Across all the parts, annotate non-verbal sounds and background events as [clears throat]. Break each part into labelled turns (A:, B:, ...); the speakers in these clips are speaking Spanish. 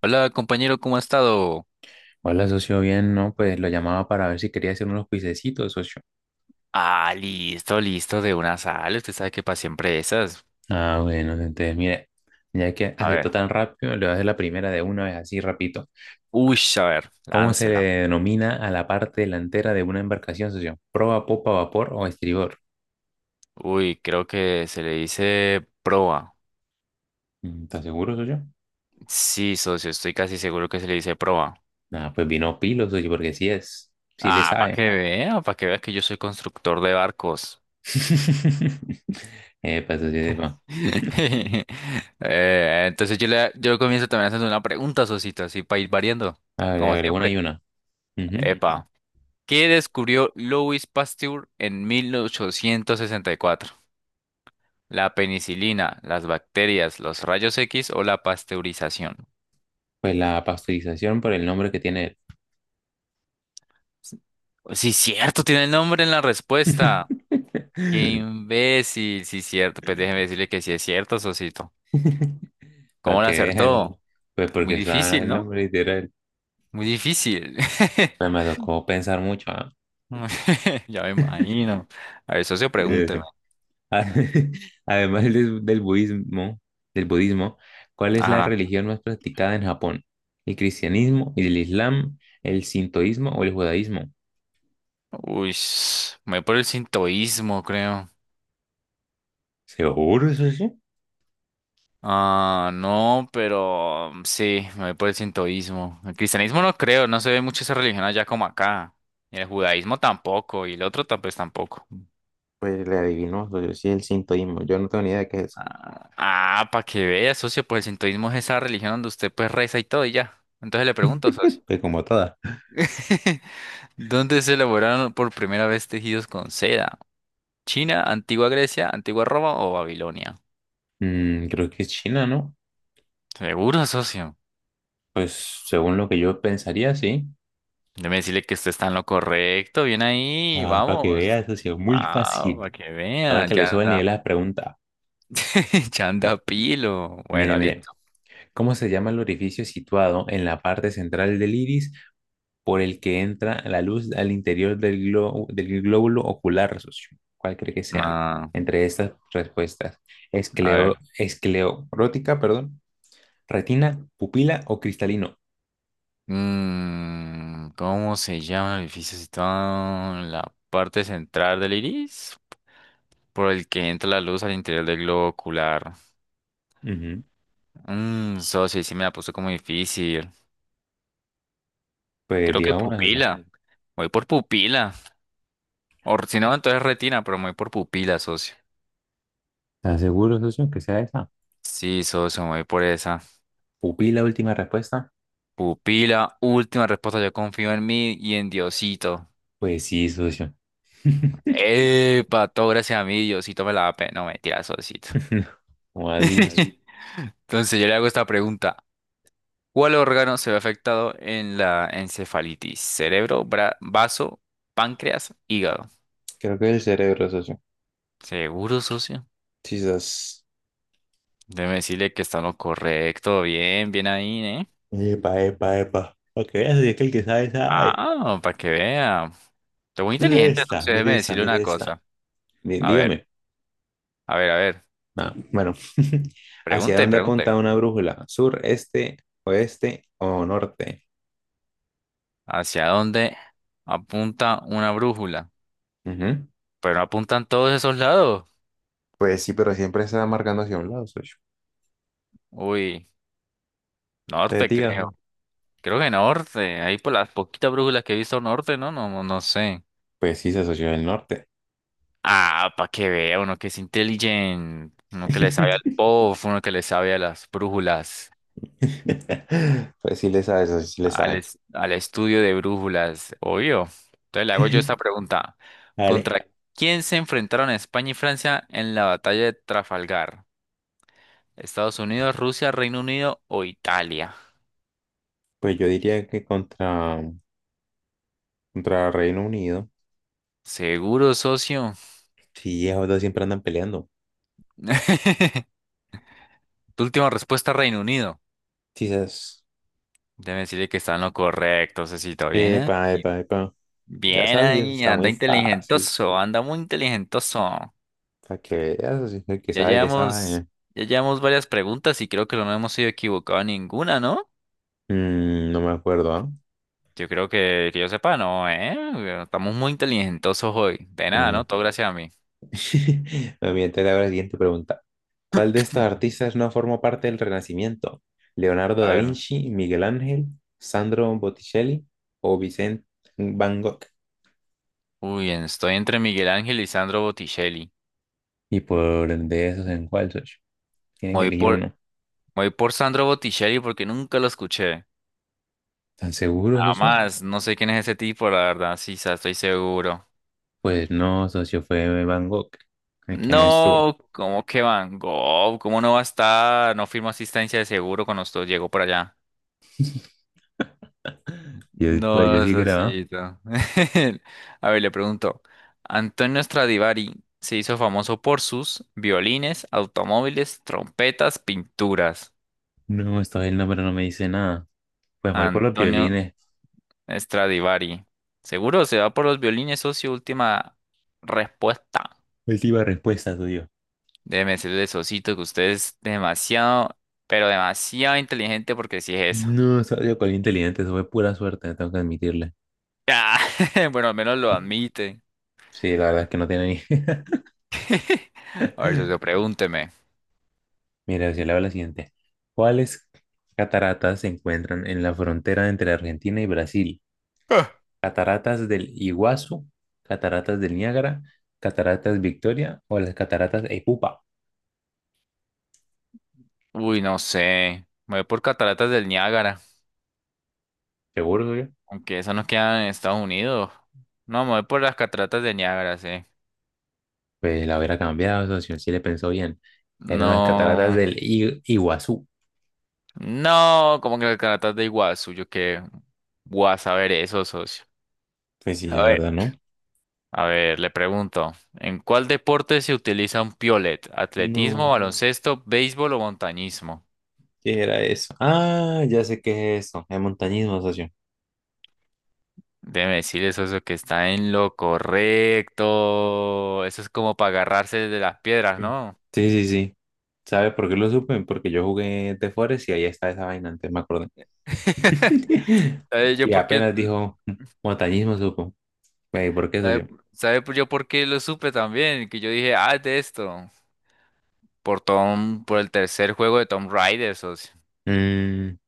A: Hola compañero, ¿cómo ha estado?
B: Hola, socio, bien, no, pues lo llamaba para ver si quería hacer unos cuisecitos, socio.
A: Ah, listo, listo de una sal. Usted sabe que para siempre esas.
B: Ah, bueno, entonces, mire, ya que
A: A
B: aceptó
A: ver.
B: tan rápido, le voy a hacer la primera de una vez, así rapidito.
A: Uy, a ver,
B: ¿Cómo se le
A: láncela.
B: denomina a la parte delantera de una embarcación, socio? ¿Proa, popa, vapor o estribor?
A: Uy, creo que se le dice proa.
B: ¿Estás seguro, socio?
A: Sí, socio, estoy casi seguro que se le dice proa.
B: Ah, pues vino pilo, socio, porque sí es, sí le
A: Ah,
B: sabe.
A: para que vea que yo soy constructor de barcos.
B: [laughs] Epa, socio, epa.
A: [laughs] Entonces yo comienzo también haciendo una pregunta, socito, así para ir variando,
B: A ver,
A: como
B: agregó una
A: siempre.
B: y una. Ujú.
A: Epa. ¿Qué descubrió Louis Pasteur en 1864? La penicilina, las bacterias, los rayos X o la pasteurización.
B: Pues la pasteurización por el nombre que tiene
A: S- Sí, cierto, tiene el nombre en la respuesta. Qué
B: él.
A: imbécil, sí, cierto. Pues déjeme decirle que sí es cierto, Sosito.
B: [laughs] Para
A: ¿Cómo lo
B: que veas,
A: acertó?
B: [laughs] pues
A: Muy
B: porque está
A: difícil,
B: el
A: ¿no?
B: nombre literal.
A: Muy difícil.
B: Pues
A: [laughs]
B: me tocó pensar mucho, ¿ah?
A: [laughs] Ya me imagino. A ver, socio, pregúnteme.
B: Dirección. [laughs] Además del budismo, del budismo, ¿cuál es la
A: Ajá.
B: religión más practicada en Japón? ¿El cristianismo, el islam, el sintoísmo o el judaísmo?
A: Uy, me voy por el sintoísmo, creo.
B: ¿Seguro eso sí?
A: Ah, no, pero sí, me voy por el sintoísmo. El cristianismo no creo, no se ve mucho esa religión allá como acá. Y el judaísmo tampoco, y el otro pues tampoco.
B: Pues le adivinó, yo sí el sintoísmo, yo no tengo ni idea de qué es eso.
A: Ah, ah, para que vea, socio, pues el sintoísmo es esa religión donde usted pues reza y todo y ya. Entonces le pregunto, socio,
B: Pues como toda.
A: [laughs] ¿dónde se elaboraron por primera vez tejidos con seda? ¿China, antigua Grecia, antigua Roma o Babilonia?
B: Mm, creo que es China, ¿no?
A: Seguro, socio.
B: Pues según lo que yo pensaría, sí.
A: Déjeme decirle que usted está en lo correcto. Bien ahí,
B: Ah, para que
A: vamos.
B: veas, ha sido muy
A: Wow,
B: fácil.
A: para que
B: Ahora
A: vean,
B: que le
A: ya
B: sube el nivel a
A: anda,
B: la pregunta.
A: [laughs] ya anda pilo.
B: Mire,
A: Bueno,
B: mire.
A: listo.
B: ¿Cómo se llama el orificio situado en la parte central del iris por el que entra la luz al interior del glóbulo ocular, socio? ¿Cuál cree que sea?
A: Ah,
B: Entre estas respuestas.
A: a ver.
B: Esclerótica, perdón. Retina, pupila o cristalino.
A: ¿Cómo se llama el edificio situado en la parte central del iris? Por el que entra la luz al interior del globo ocular.
B: Ujú.
A: Socio, ahí sí me la puso como difícil.
B: Pues
A: Creo que
B: diga una, socio.
A: pupila. Voy por pupila. O si no, entonces retina, pero me voy por pupila, socio.
B: ¿Estás seguro, socio, que sea esa?
A: Sí, socio, me voy por esa.
B: ¿Pupila, última respuesta?
A: Pupila, última respuesta, yo confío en mí y en Diosito.
B: Pues sí, socio.
A: Epa, todo gracias a mí, Diosito me la da No, mentira, Diosito.
B: [laughs] ¿Cómo así, socio.
A: [laughs] Entonces yo le hago esta pregunta. ¿Cuál órgano se ve afectado en la encefalitis? ¿Cerebro, vaso, páncreas, hígado?
B: Creo que es el cerebro, socio.
A: Seguro, socio.
B: Quizás.
A: Déjeme decirle que está en lo correcto. Bien, bien ahí, ¿eh?
B: Epa, epa, epa. Para que veas, es que el que sabe, sabe.
A: Ah, para que vea. Estoy muy
B: Mire
A: inteligente,
B: esta,
A: entonces
B: mire
A: déjeme
B: esta,
A: decirle una
B: mire esta.
A: cosa. A ver,
B: Dígame.
A: a ver, a ver.
B: Ah, bueno, [laughs] ¿hacia
A: Pregunte,
B: dónde apunta
A: pregunte.
B: una brújula? ¿Sur, este, oeste o norte?
A: ¿Hacia dónde apunta una brújula?
B: Ujú.
A: Pero no apuntan todos esos lados.
B: Pues sí, pero siempre se va marcando hacia un lado, socio.
A: Uy,
B: Te
A: norte
B: digas,
A: creo.
B: güey.
A: Creo que norte. Ahí por las poquitas brújulas que he visto norte, ¿no? No, no, no sé.
B: Pues sí, se asoció el norte.
A: Ah, para que vea uno que es inteligente. Uno que le sabe al
B: [laughs]
A: POF, uno que le sabe a las brújulas.
B: Pues sí le sabe, socio, sí le
A: Al,
B: sabe.
A: es- al estudio de brújulas. Obvio. Entonces le hago yo esta
B: [laughs]
A: pregunta.
B: Vale.
A: ¿Contra quién se enfrentaron España y Francia en la batalla de Trafalgar? Estados Unidos, Rusia, Reino Unido o Italia.
B: Pues yo diría que contra Reino Unido.
A: Seguro, socio.
B: Sí, esos dos siempre andan peleando.
A: [laughs] Tu última respuesta, Reino Unido.
B: Quizás.
A: Debe decirle que está en lo correcto, Cecito. Bien
B: Epa,
A: ahí.
B: epa, epa. Ya
A: Bien
B: sabía, eso
A: ahí,
B: está
A: anda
B: muy fácil.
A: inteligentoso, anda muy inteligentoso.
B: Para que veas, así que el que
A: Ya
B: sabe le
A: llevamos,
B: sabe.
A: ya llevamos varias preguntas y creo que no hemos sido equivocados en ninguna, ¿no?
B: Mm, no me acuerdo, ¿ah?
A: Yo creo que yo sepa, no, ¿eh? Estamos muy inteligentosos hoy. De
B: A
A: nada, ¿no?
B: ver.
A: Todo gracias a mí.
B: [laughs] Me voy a enterar ahora la siguiente pregunta. ¿Cuál de estos
A: [clears throat]
B: artistas no formó parte del Renacimiento? ¿Leonardo
A: A
B: da
A: ver.
B: Vinci, Miguel Ángel, Sandro Botticelli o Vicente Van Gogh?
A: Uy, estoy entre Miguel Ángel y Sandro Botticelli.
B: Y por de esos, ¿en cuál, socio? Tiene
A: Me
B: que
A: Voy
B: elegir
A: por
B: uno.
A: Voy por Sandro Botticelli porque nunca lo escuché.
B: ¿Están seguros, socio?
A: Además, no sé quién es ese tipo, la verdad, sí, estoy seguro.
B: Pues no, socio, fue Van Gogh, el que no estuvo.
A: No, ¿cómo que Van Gogh? ¿Cómo no va a estar? No firmó asistencia de seguro cuando usted llegó por allá.
B: Pues yo
A: No,
B: sí grababa.
A: Sosito. [laughs] A ver, le pregunto. Antonio Stradivari se hizo famoso por sus violines, automóviles, trompetas, pinturas.
B: No, esta vez el nombre no me dice nada. Pues voy por los
A: Antonio
B: violines.
A: Stradivari. ¿Seguro se va por los violines, socio? Última respuesta.
B: Última respuesta tuyo.
A: Déjeme decirle, Sosito, que usted es demasiado, pero demasiado inteligente porque sí es eso.
B: No, soy con inteligente, eso fue pura suerte, tengo que admitirle.
A: Ah, [laughs] bueno, al menos lo admite.
B: Sí, la verdad es que no tiene ni.
A: [laughs] A ver, socio,
B: [laughs]
A: pregúnteme.
B: Mira, si le hago la siguiente. ¿Cuáles cataratas se encuentran en la frontera entre Argentina y Brasil? ¿Cataratas del Iguazú, cataratas del Niágara, cataratas Victoria o las cataratas Epupa?
A: Uy, no sé. Me voy por cataratas del Niágara,
B: Seguro,
A: aunque eso no queda en Estados Unidos. No, me voy por las cataratas del Niágara, sí.
B: pues la hubiera cambiado, socio, sí le pensó bien. Eran las cataratas
A: No,
B: Iguazú.
A: no, como que las cataratas de Iguazú, yo qué voy a saber eso, socio.
B: Pues
A: A
B: sí, la
A: ver.
B: verdad, ¿no?
A: A ver, le pregunto, ¿en cuál deporte se utiliza un piolet? ¿Atletismo,
B: No,
A: baloncesto, béisbol o montañismo?
B: ¿qué era eso? Ah, ya sé qué es eso, es montañismo, socio.
A: Déjeme decirle eso que está en lo correcto. Eso es como para agarrarse de las piedras,
B: Mm.
A: ¿no?
B: Sí, sí, sí. ¿Sabe por qué lo supe? Porque yo jugué de Forest y ahí está esa vaina, antes me acordé.
A: [laughs]
B: [laughs]
A: ¿Sabe yo
B: Y
A: por qué?
B: apenas dijo "Mm, montañismo", supo. Güey, ¿por qué,
A: ¿Sabe,
B: socio?
A: sabe yo por qué lo supe también? Que yo dije, ah, es de esto. Por el tercer juego de Tom Raider, socio.
B: Mm,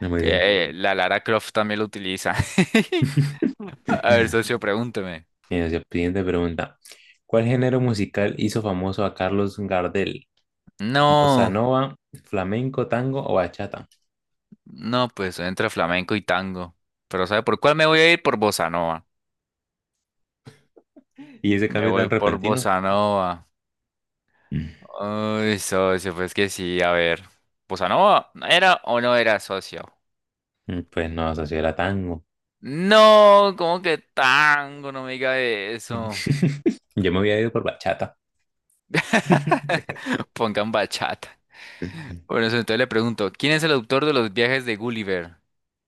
B: no me di.
A: Que la Lara Croft también lo utiliza. [laughs] A ver, socio, pregúnteme.
B: Mira, socio, siguiente pregunta. ¿Cuál género musical hizo famoso a Carlos Gardel? Bossa
A: No.
B: nova, flamenco, tango o bachata.
A: No, pues entre flamenco y tango. Pero ¿sabe por cuál me voy a ir? Por bossa nova.
B: Y ese
A: Me
B: cambio tan
A: voy por
B: repentino,
A: bossa nova. Uy, socio, pues que sí, a ver. ¿Bossa nova era o no era socio?
B: mm, pues no, eso sí era tango.
A: No, ¿cómo que tango? No me diga eso.
B: [laughs] Yo me había ido por bachata. [laughs]
A: [laughs] Pongan bachata. Bueno, socio, entonces le pregunto, ¿quién es el autor de los viajes de Gulliver?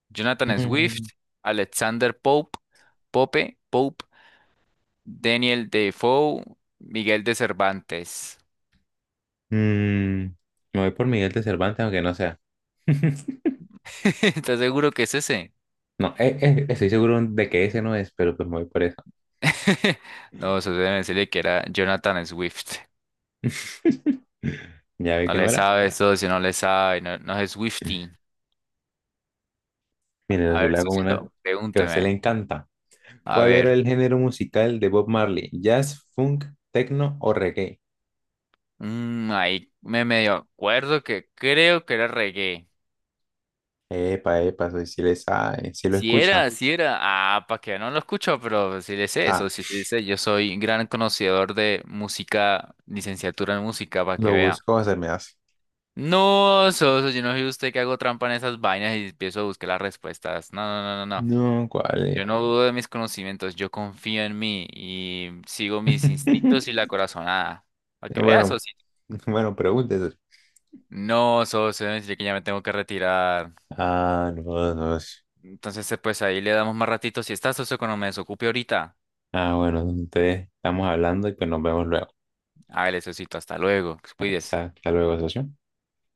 A: Jonathan Swift,
B: Mm,
A: Alexander Pope, Daniel Defoe, Miguel de Cervantes.
B: mm, me voy por Miguel de Cervantes, aunque no sea. [laughs]
A: [laughs] ¿Estás seguro que es ese?
B: No, estoy seguro de que ese no es, pero pues me voy por eso.
A: [laughs] No, eso debe decirle que era Jonathan Swift.
B: [laughs] Ya vi
A: No
B: que no
A: le
B: era.
A: sabe eso, si no le sabe, no, no es Swiftie.
B: Mire,
A: A
B: yo
A: ver,
B: le hago una
A: Sosito,
B: que a usted le
A: pregúnteme.
B: encanta.
A: A
B: ¿Cuál era
A: ver,
B: el género musical de Bob Marley? ¿Jazz, funk, techno o reggae?
A: ahí me medio acuerdo que creo que era reggae.
B: Epa, epa, soy si le sabe, si lo
A: Si
B: escucha.
A: era, si era. Ah, para que no lo escucho, pero si le sé
B: Ah,
A: eso, si le sé, yo soy gran conocedor de música, licenciatura en música, para que
B: lo
A: vea.
B: buscó, se me hace.
A: No, Soso, yo no soy usted que hago trampa en esas vainas y empiezo a buscar las respuestas. No, no, no, no, no.
B: No, ¿cuál
A: Yo
B: es?
A: no dudo de mis conocimientos, yo confío en mí y sigo mis instintos y
B: [laughs]
A: la corazonada. Para que veas,
B: Bueno,
A: socio.
B: bueno, pregúntese.
A: No, socio, yo que ya me tengo que retirar.
B: Ah, no, no.
A: Entonces, pues ahí le damos más ratito. Si está, socio, cuando me desocupe ahorita.
B: Ah, bueno, entonces estamos hablando y pues nos vemos luego.
A: Hágale, socito, hasta luego. Cuides.
B: Hasta luego, socio.